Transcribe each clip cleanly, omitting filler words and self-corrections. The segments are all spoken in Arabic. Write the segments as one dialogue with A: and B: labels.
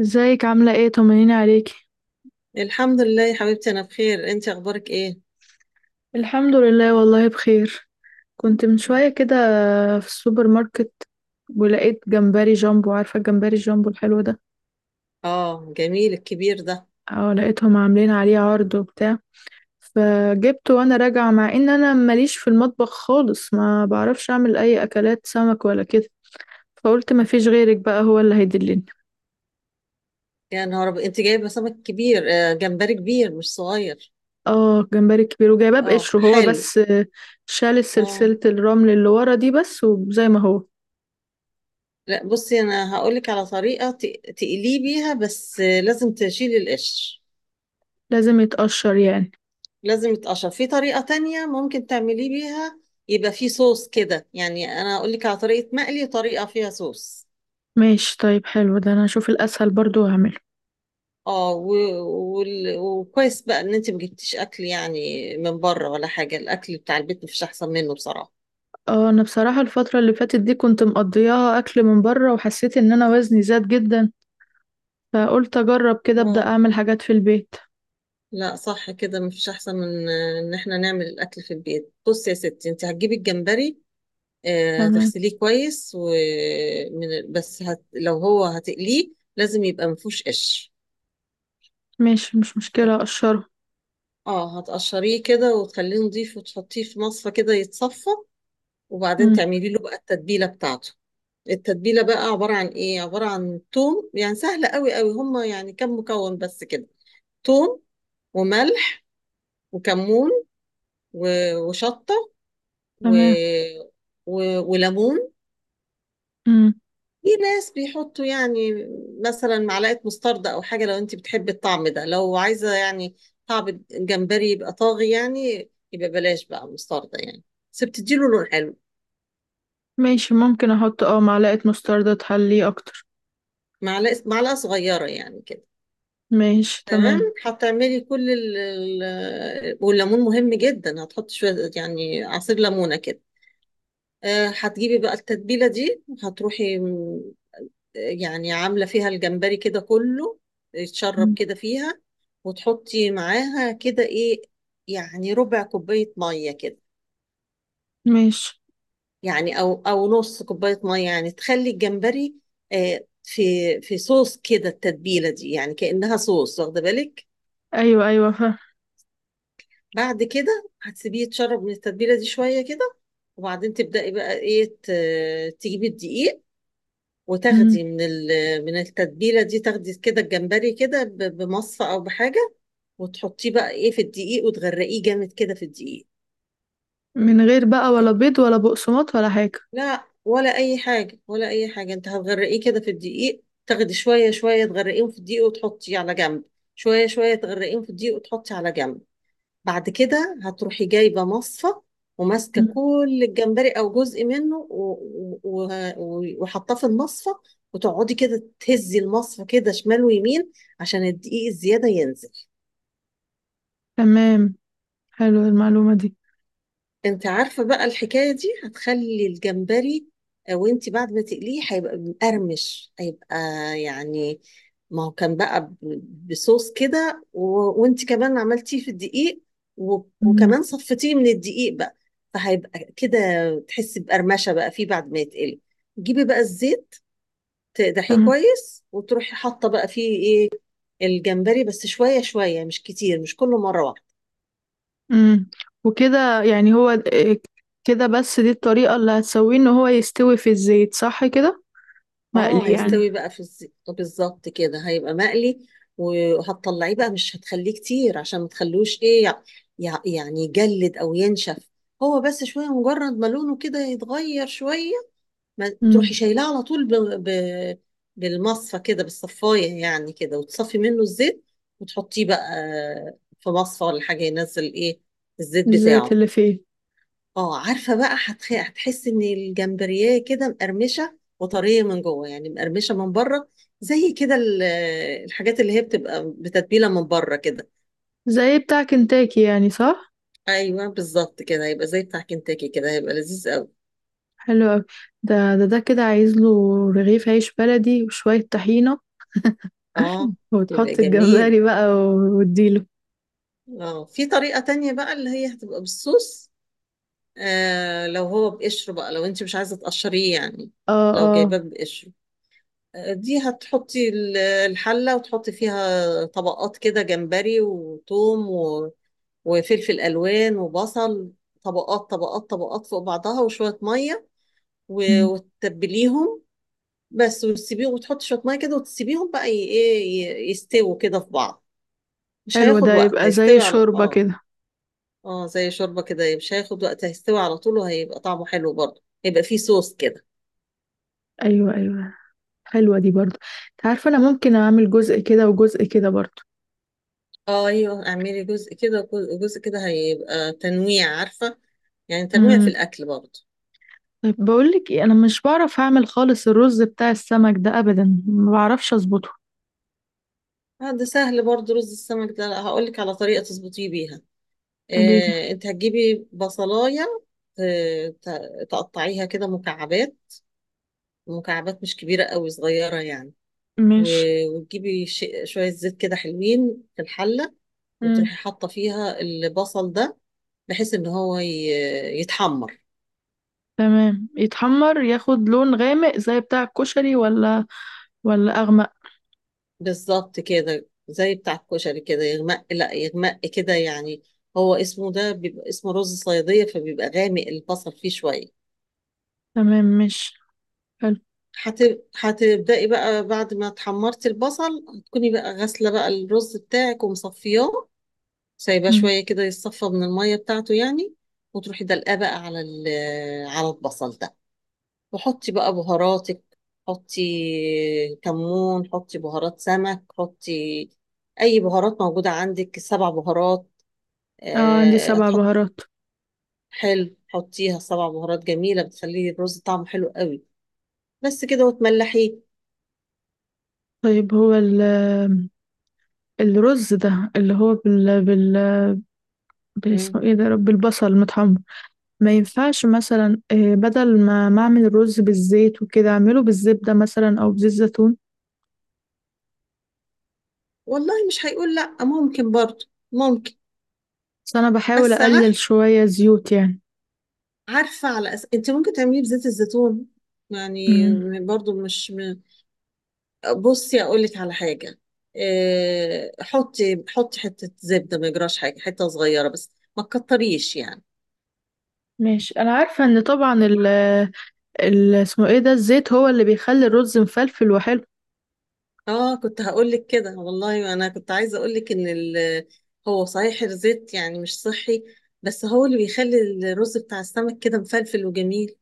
A: ازيك؟ عاملة ايه؟ طمنيني عليكي.
B: الحمد لله يا حبيبتي، انا بخير. انت اخبارك ايه؟
A: الحمد لله، والله بخير. كنت من شوية كده في السوبر ماركت، ولقيت جمبري جامبو، عارفة الجمبري الجامبو الحلو ده؟
B: اه، جميل الكبير ده.
A: اه، لقيتهم عاملين عليه عرض وبتاع، فجبته وانا راجعة. مع ان انا ماليش في المطبخ خالص، ما بعرفش اعمل اي اكلات سمك ولا كده، فقلت ما فيش غيرك بقى، هو اللي هيدلني.
B: يا نهار ابيض! انت جايبه سمك كبير؟ آه، جمبري كبير مش صغير.
A: اه، جمبري كبير وجايباه
B: اه،
A: بقشره هو
B: حلو.
A: بس. شال
B: اه،
A: سلسلة الرمل اللي ورا دي بس، وزي ما هو.
B: لا بصي، انا هقولك على طريقه تقليه بيها. بس لازم تشيلي القشر.
A: لازم يتقشر يعني؟
B: لازم يتقشر. في طريقه تانية ممكن تعمليه بيها. يبقى فيه صوص كده، يعني انا هقولك على طريقه مقلي وطريقه فيها صوص.
A: ماشي طيب، حلو ده، انا اشوف الاسهل برضو واعمله.
B: اه، وكويس بقى ان انت ما جبتيش اكل، يعني من بره ولا حاجه. الاكل بتاع البيت مفيش احسن منه بصراحه.
A: اه، انا بصراحة الفترة اللي فاتت دي كنت مقضياها اكل من بره، وحسيت ان انا وزني زاد جدا، فقلت اجرب كده ابدا
B: اه،
A: اعمل حاجات في البيت.
B: لا صح كده، مفيش احسن من ان احنا نعمل الاكل في البيت. بصي يا ستي، انت هتجيبي الجمبري،
A: تمام.
B: هتغسليه كويس ومن بس لو هو هتقليه لازم يبقى مفيهوش قش.
A: ماشي، مش مشكلة، اقشره.
B: اه، هتقشريه كده وتخليه نضيف وتحطيه في مصفى كده يتصفى. وبعدين
A: امم.
B: تعملي له بقى التتبيله بتاعته. التتبيلة بقى عبارة عن ايه؟ عبارة عن توم. يعني سهلة قوي قوي، هما يعني كم مكون بس كده: توم، وملح، وكمون، وشطة، و...
A: تمام.
B: و... وليمون.
A: امم.
B: في ناس بيحطوا، يعني مثلا معلقة مستردة أو حاجة، لو أنت بتحبي الطعم ده. لو عايزة يعني طعم الجمبري يبقى طاغي، يعني يبقى بلاش بقى مستردة يعني. بس بتديله لون حلو.
A: ماشي، ممكن احط معلقة مستردة تحليه اكتر.
B: معلقة صغيرة يعني كده.
A: ماشي
B: تمام.
A: تمام.
B: هتعملي كل والليمون مهم جدا. هتحطي شوية يعني عصير ليمونة كده. هتجيبي بقى التتبيلة دي، هتروحي يعني عاملة فيها الجمبري كده كله يتشرب
A: مم.
B: كده فيها. وتحطي معاها كده ايه، يعني ربع كوباية مية كده.
A: ماشي.
B: يعني او نص كوباية مية، يعني تخلي الجمبري آه، في في صوص كده. التتبيلة دي يعني كأنها صوص، واخدة بالك؟
A: ايوه ايوه، فاهم.
B: بعد كده هتسيبيه يتشرب من التتبيله دي شويه كده. وبعدين تبداي بقى ايه، تجيبي الدقيق. وتاخدي
A: مم.
B: من التتبيله دي، تاخدي كده الجمبري كده بمصفى او بحاجه. وتحطيه بقى ايه في الدقيق، وتغرقيه جامد كده في الدقيق.
A: من غير بقى ولا بيض ولا بقسماط ولا حاجة؟
B: لا، ولا اي حاجه ولا اي حاجه. انت هتغرقيه كده في الدقيق، تاخدي شويه شويه تغرقيهم في الدقيق وتحطيه على جنب. شويه شويه تغرقيهم في الدقيق وتحطي على جنب. بعد كده هتروحي جايبة مصفى، وماسكة
A: مم.
B: كل الجمبري أو جزء منه، وحطاه في المصفى. وتقعدي كده تهزي المصفى كده شمال ويمين، عشان الدقيق الزيادة ينزل.
A: تمام، حلو المعلومة دي.
B: انت عارفة بقى، الحكاية دي هتخلي الجمبري وانت بعد ما تقليه هيبقى مقرمش، هيبقى يعني، ما هو كان بقى بصوص كده وانت كمان عملتيه في الدقيق
A: مم.
B: وكمان صفتيه من الدقيق بقى. فهيبقى كده تحسي بقرمشة بقى فيه بعد ما يتقلي. تجيبي بقى الزيت، تقدحيه
A: تمام.
B: كويس، وتروحي حاطة بقى فيه ايه، الجمبري، بس شوية شوية مش كتير، مش كله مرة واحدة.
A: امم. وكده يعني هو إيه؟ كده بس، دي الطريقة اللي هتسويه ان هو يستوي في الزيت، صح كده؟
B: اه،
A: مقلي يعني.
B: هيستوي بقى في الزيت بالظبط كده، هيبقى مقلي. وهتطلعيه بقى، مش هتخليه كتير عشان ما تخلوش ايه يعني يجلد او ينشف. هو بس شويه، مجرد ما لونه كده يتغير شويه، ما تروحي
A: امم.
B: شايلاه على طول ب... بالمصفى كده، بالصفايه يعني كده، وتصفي منه الزيت. وتحطيه بقى في مصفى ولا حاجه، ينزل ايه الزيت
A: الزيت
B: بتاعه.
A: اللي فيه.
B: اه، عارفة بقى، هتحس ان الجمبريه كده مقرمشة وطرية من جوه، يعني مقرمشة من بره، زي كده الحاجات اللي هي بتبقى بتتبيلة من بره كده.
A: زي بتاع كنتاكي يعني، صح؟
B: ايوه، بالظبط كده هيبقى زي بتاع كنتاكي، كده هيبقى لذيذ قوي.
A: حلو أوي. ده كده عايز له رغيف عيش بلدي وشوية طحينة.
B: اه، يبقى
A: وتحط
B: جميل.
A: الجمبري بقى وتديله.
B: اه، في طريقة تانية بقى اللي هي هتبقى بالصوص. لو هو بقشره بقى، لو انت مش عايزة تقشريه يعني،
A: اه
B: لو
A: اه.
B: جايباه بقشره. دي هتحطي الحلة، وتحطي فيها طبقات كده: جمبري وتوم وفلفل الوان وبصل. طبقات طبقات طبقات فوق بعضها، وشويه ميه،
A: مم.
B: وتتبليهم بس. وتسيبيهم، وتحط شويه ميه كده، وتسيبيهم بقى ايه، يستووا كده في بعض. مش
A: حلو،
B: هياخد
A: ده
B: وقت،
A: يبقى زي
B: هيستوي على
A: شوربة
B: اه.
A: كده.
B: اه، زي شوربه كده، مش هياخد وقت، هيستوي على طول. وهيبقى طعمه حلو برضه، هيبقى فيه صوص كده.
A: ايوه ايوه. حلوة دي برضو. انت عارفة انا ممكن اعمل جزء كده وجزء كده برضو.
B: اه ايوه، اعملي جزء كده جزء كده، هيبقى تنويع عارفه، يعني تنويع في
A: مم.
B: الاكل برضه.
A: طيب بقولك ايه، انا مش بعرف اعمل خالص الرز بتاع السمك ده ابدا، ما بعرفش اظبطه.
B: ده سهل برضه، رز السمك ده هقول لك على طريقه تظبطيه بيها.
A: قليل.
B: انت هتجيبي بصلاية ت- تقطعيها كده مكعبات، مكعبات مش كبيرة قوي، صغيرة يعني.
A: مش.
B: وتجيبي شوية زيت كده حلوين في الحلة.
A: مم.
B: وتروحي حاطة فيها البصل ده، بحيث ان هو يتحمر.
A: تمام يتحمر، ياخد لون غامق زي بتاع الكشري، ولا اغمق؟
B: بالظبط كده زي بتاع الكشري، كده يغمق. لا، يغمق كده يعني. هو اسمه ده بيبقى اسمه رز صيادية، فبيبقى غامق، البصل فيه شوية.
A: تمام، مش. حلو.
B: هتبدأي بقى بعد ما تحمرتي البصل، هتكوني بقى غاسلة بقى الرز بتاعك ومصفياه. سايباه
A: مم.
B: شوية كده يتصفى من المية بتاعته يعني. وتروحي دلقاه بقى على على البصل ده، وحطي بقى بهاراتك. حطي كمون، حطي بهارات سمك، حطي أي بهارات موجودة عندك، سبع بهارات.
A: اه، عندي سبع
B: هتحط.
A: بهارات.
B: حلو، حطيها سبع بهارات جميلة، بتخلي الرز طعمه حلو قوي. بس كده، وتملحيه.
A: طيب، هو الرز ده اللي هو بال اسمه ايه ده يا رب، البصل متحمر. ما ينفعش مثلا، بدل ما اعمل الرز بالزيت وكده، اعمله بالزبدة مثلا او بزيت زيتون؟
B: والله مش هيقول لا، ممكن برضه، ممكن.
A: بس انا بحاول
B: بس
A: اقلل
B: عارف
A: شوية زيوت يعني.
B: عارفه انت ممكن تعمليه بزيت الزيتون يعني.
A: امم.
B: برضه مش بصي، اقول لك على حاجه. حطي حته زبده، ما يجراش حاجه، حته صغيره بس ما تكتريش يعني.
A: ماشي، انا عارفة ان طبعا ال اسمه ايه ده، الزيت هو اللي بيخلي الرز مفلفل وحلو.
B: اه، كنت هقول لك كده والله، انا كنت عايزه اقول لك هو صحيح الزيت يعني مش صحي، بس هو اللي بيخلي الرز بتاع السمك كده مفلفل وجميل.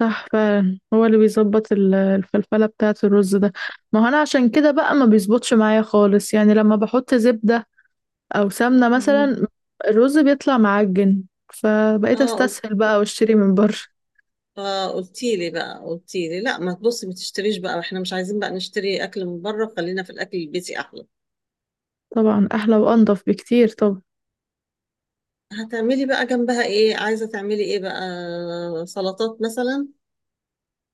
A: صح فعلا، هو اللي بيظبط الفلفلة بتاعة الرز ده. ما هو انا عشان كده بقى ما بيظبطش معايا خالص يعني، لما بحط زبدة او سمنة
B: مم.
A: مثلا، الرز بيطلع معجن، فبقيت
B: اه،
A: استسهل بقى واشتري من بره.
B: اه، قلتي لي بقى، قلتي لي لا، ما تبصي ما تشتريش بقى، احنا مش عايزين بقى نشتري اكل من بره، خلينا في الاكل البيتي احلى.
A: طبعا احلى وانضف بكتير. طب،
B: هتعملي بقى جنبها ايه، عايزه تعملي ايه بقى؟ سلطات مثلا؟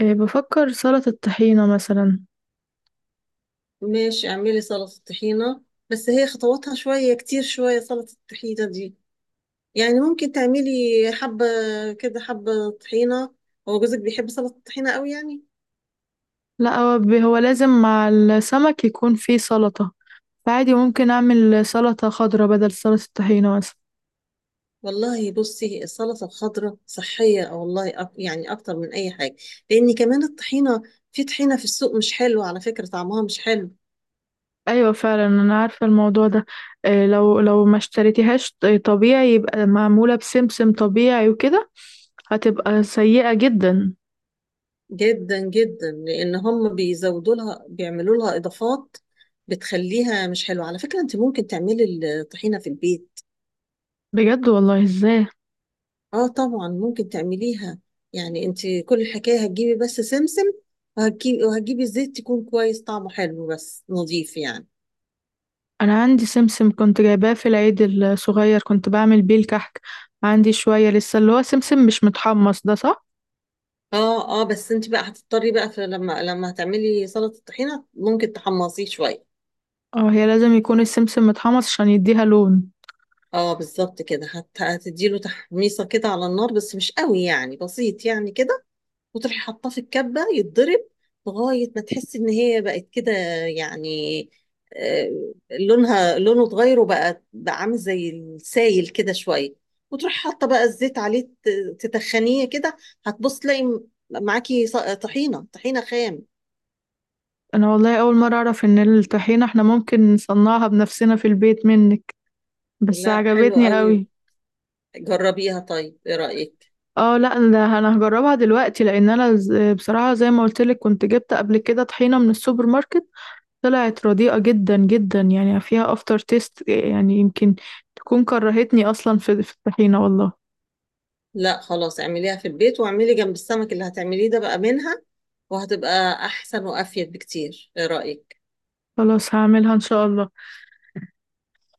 A: إيه، بفكر سلطة الطحينة مثلا.
B: ماشي، اعملي سلطه طحينه. بس هي خطواتها شويه كتير شويه، سلطه الطحينه دي. يعني ممكن تعملي حبه كده، حبه طحينه. هو جوزك بيحب سلطه الطحينه قوي يعني؟
A: لا، هو هو لازم مع السمك يكون فيه سلطة، فعادي ممكن أعمل سلطة خضراء بدل سلطة الطحينة مثلا.
B: والله بصي، السلطة الخضراء صحية والله، يعني أكتر من أي حاجة. لأن كمان الطحينة، في طحينة في السوق مش حلوة على فكرة، طعمها مش حلو.
A: أيوة فعلا، أنا عارفة الموضوع ده. إيه، لو ما اشتريتيهاش طبيعي، يبقى معمولة بسمسم طبيعي وكده، هتبقى سيئة جدا.
B: جدا جدا، لأن هم بيزودوا لها، بيعملوا لها إضافات بتخليها مش حلوة على فكرة. أنت ممكن تعملي الطحينة في البيت.
A: بجد والله؟ ازاي؟
B: آه، طبعا ممكن تعمليها. يعني أنت كل الحكاية هتجيبي بس سمسم، وهتجيبي زيت تكون كويس طعمه حلو بس نظيف يعني.
A: أنا عندي سمسم كنت جايباه في العيد الصغير، كنت بعمل بيه الكحك. عندي شوية لسه اللي هو سمسم مش متحمص ده، صح؟
B: اه، اه، بس انت بقى هتضطري بقى في لما هتعملي سلطة الطحينة، ممكن تحمصيه شوية.
A: اه، هي لازم يكون السمسم متحمص عشان يديها لون.
B: اه، بالظبط كده هتديله تحميصة كده على النار، بس مش قوي يعني، بسيط يعني كده. وتروحي حاطاه في الكبة يتضرب، لغاية ما تحسي ان هي بقت كده يعني، آه لونه اتغير، وبقى عامل زي السايل كده شوية. وتروحي حاطة بقى الزيت عليه، تتخنيه كده. هتبص تلاقي معاكي طحينة خام.
A: انا والله اول مره اعرف ان الطحينه احنا ممكن نصنعها بنفسنا في البيت منك، بس
B: لا، حلو
A: عجبتني
B: قوي،
A: قوي.
B: جربيها. طيب ايه رأيك؟
A: اه، لا ده انا هجربها دلوقتي، لان انا بصراحه زي ما قلت لك، كنت جبت قبل كده طحينه من السوبر ماركت، طلعت رديئه جدا جدا يعني، فيها افتر تيست، يعني يمكن تكون كرهتني اصلا في الطحينه والله.
B: لا خلاص، اعمليها في البيت، واعملي جنب السمك اللي هتعمليه ده بقى منها، وهتبقى احسن وافيد بكتير. ايه رأيك؟
A: خلاص، هعملها ان شاء الله.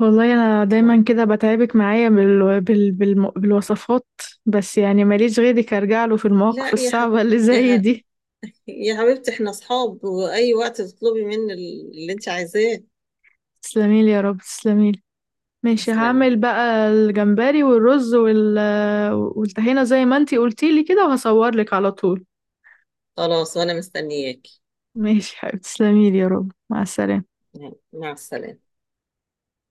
A: والله انا
B: اه،
A: دايما كده بتعبك معايا بالوصفات، بس يعني ماليش غيرك ارجع له في المواقف
B: لا،
A: الصعبه اللي
B: يا
A: زي
B: ح...
A: دي.
B: يا حبيبتي، احنا اصحاب، واي وقت تطلبي مني اللي انت عايزاه.
A: تسلميلي يا رب، تسلميلي. ماشي،
B: تسلمي.
A: هعمل بقى الجمبري والرز والطحينة زي ما انتي قلتيلي كده، وهصورلك على طول.
B: خلاص، وانا مستنياكي.
A: ماشي حبيبتي، تسلميلي يا رب، مع السلامة.
B: مع السلامة.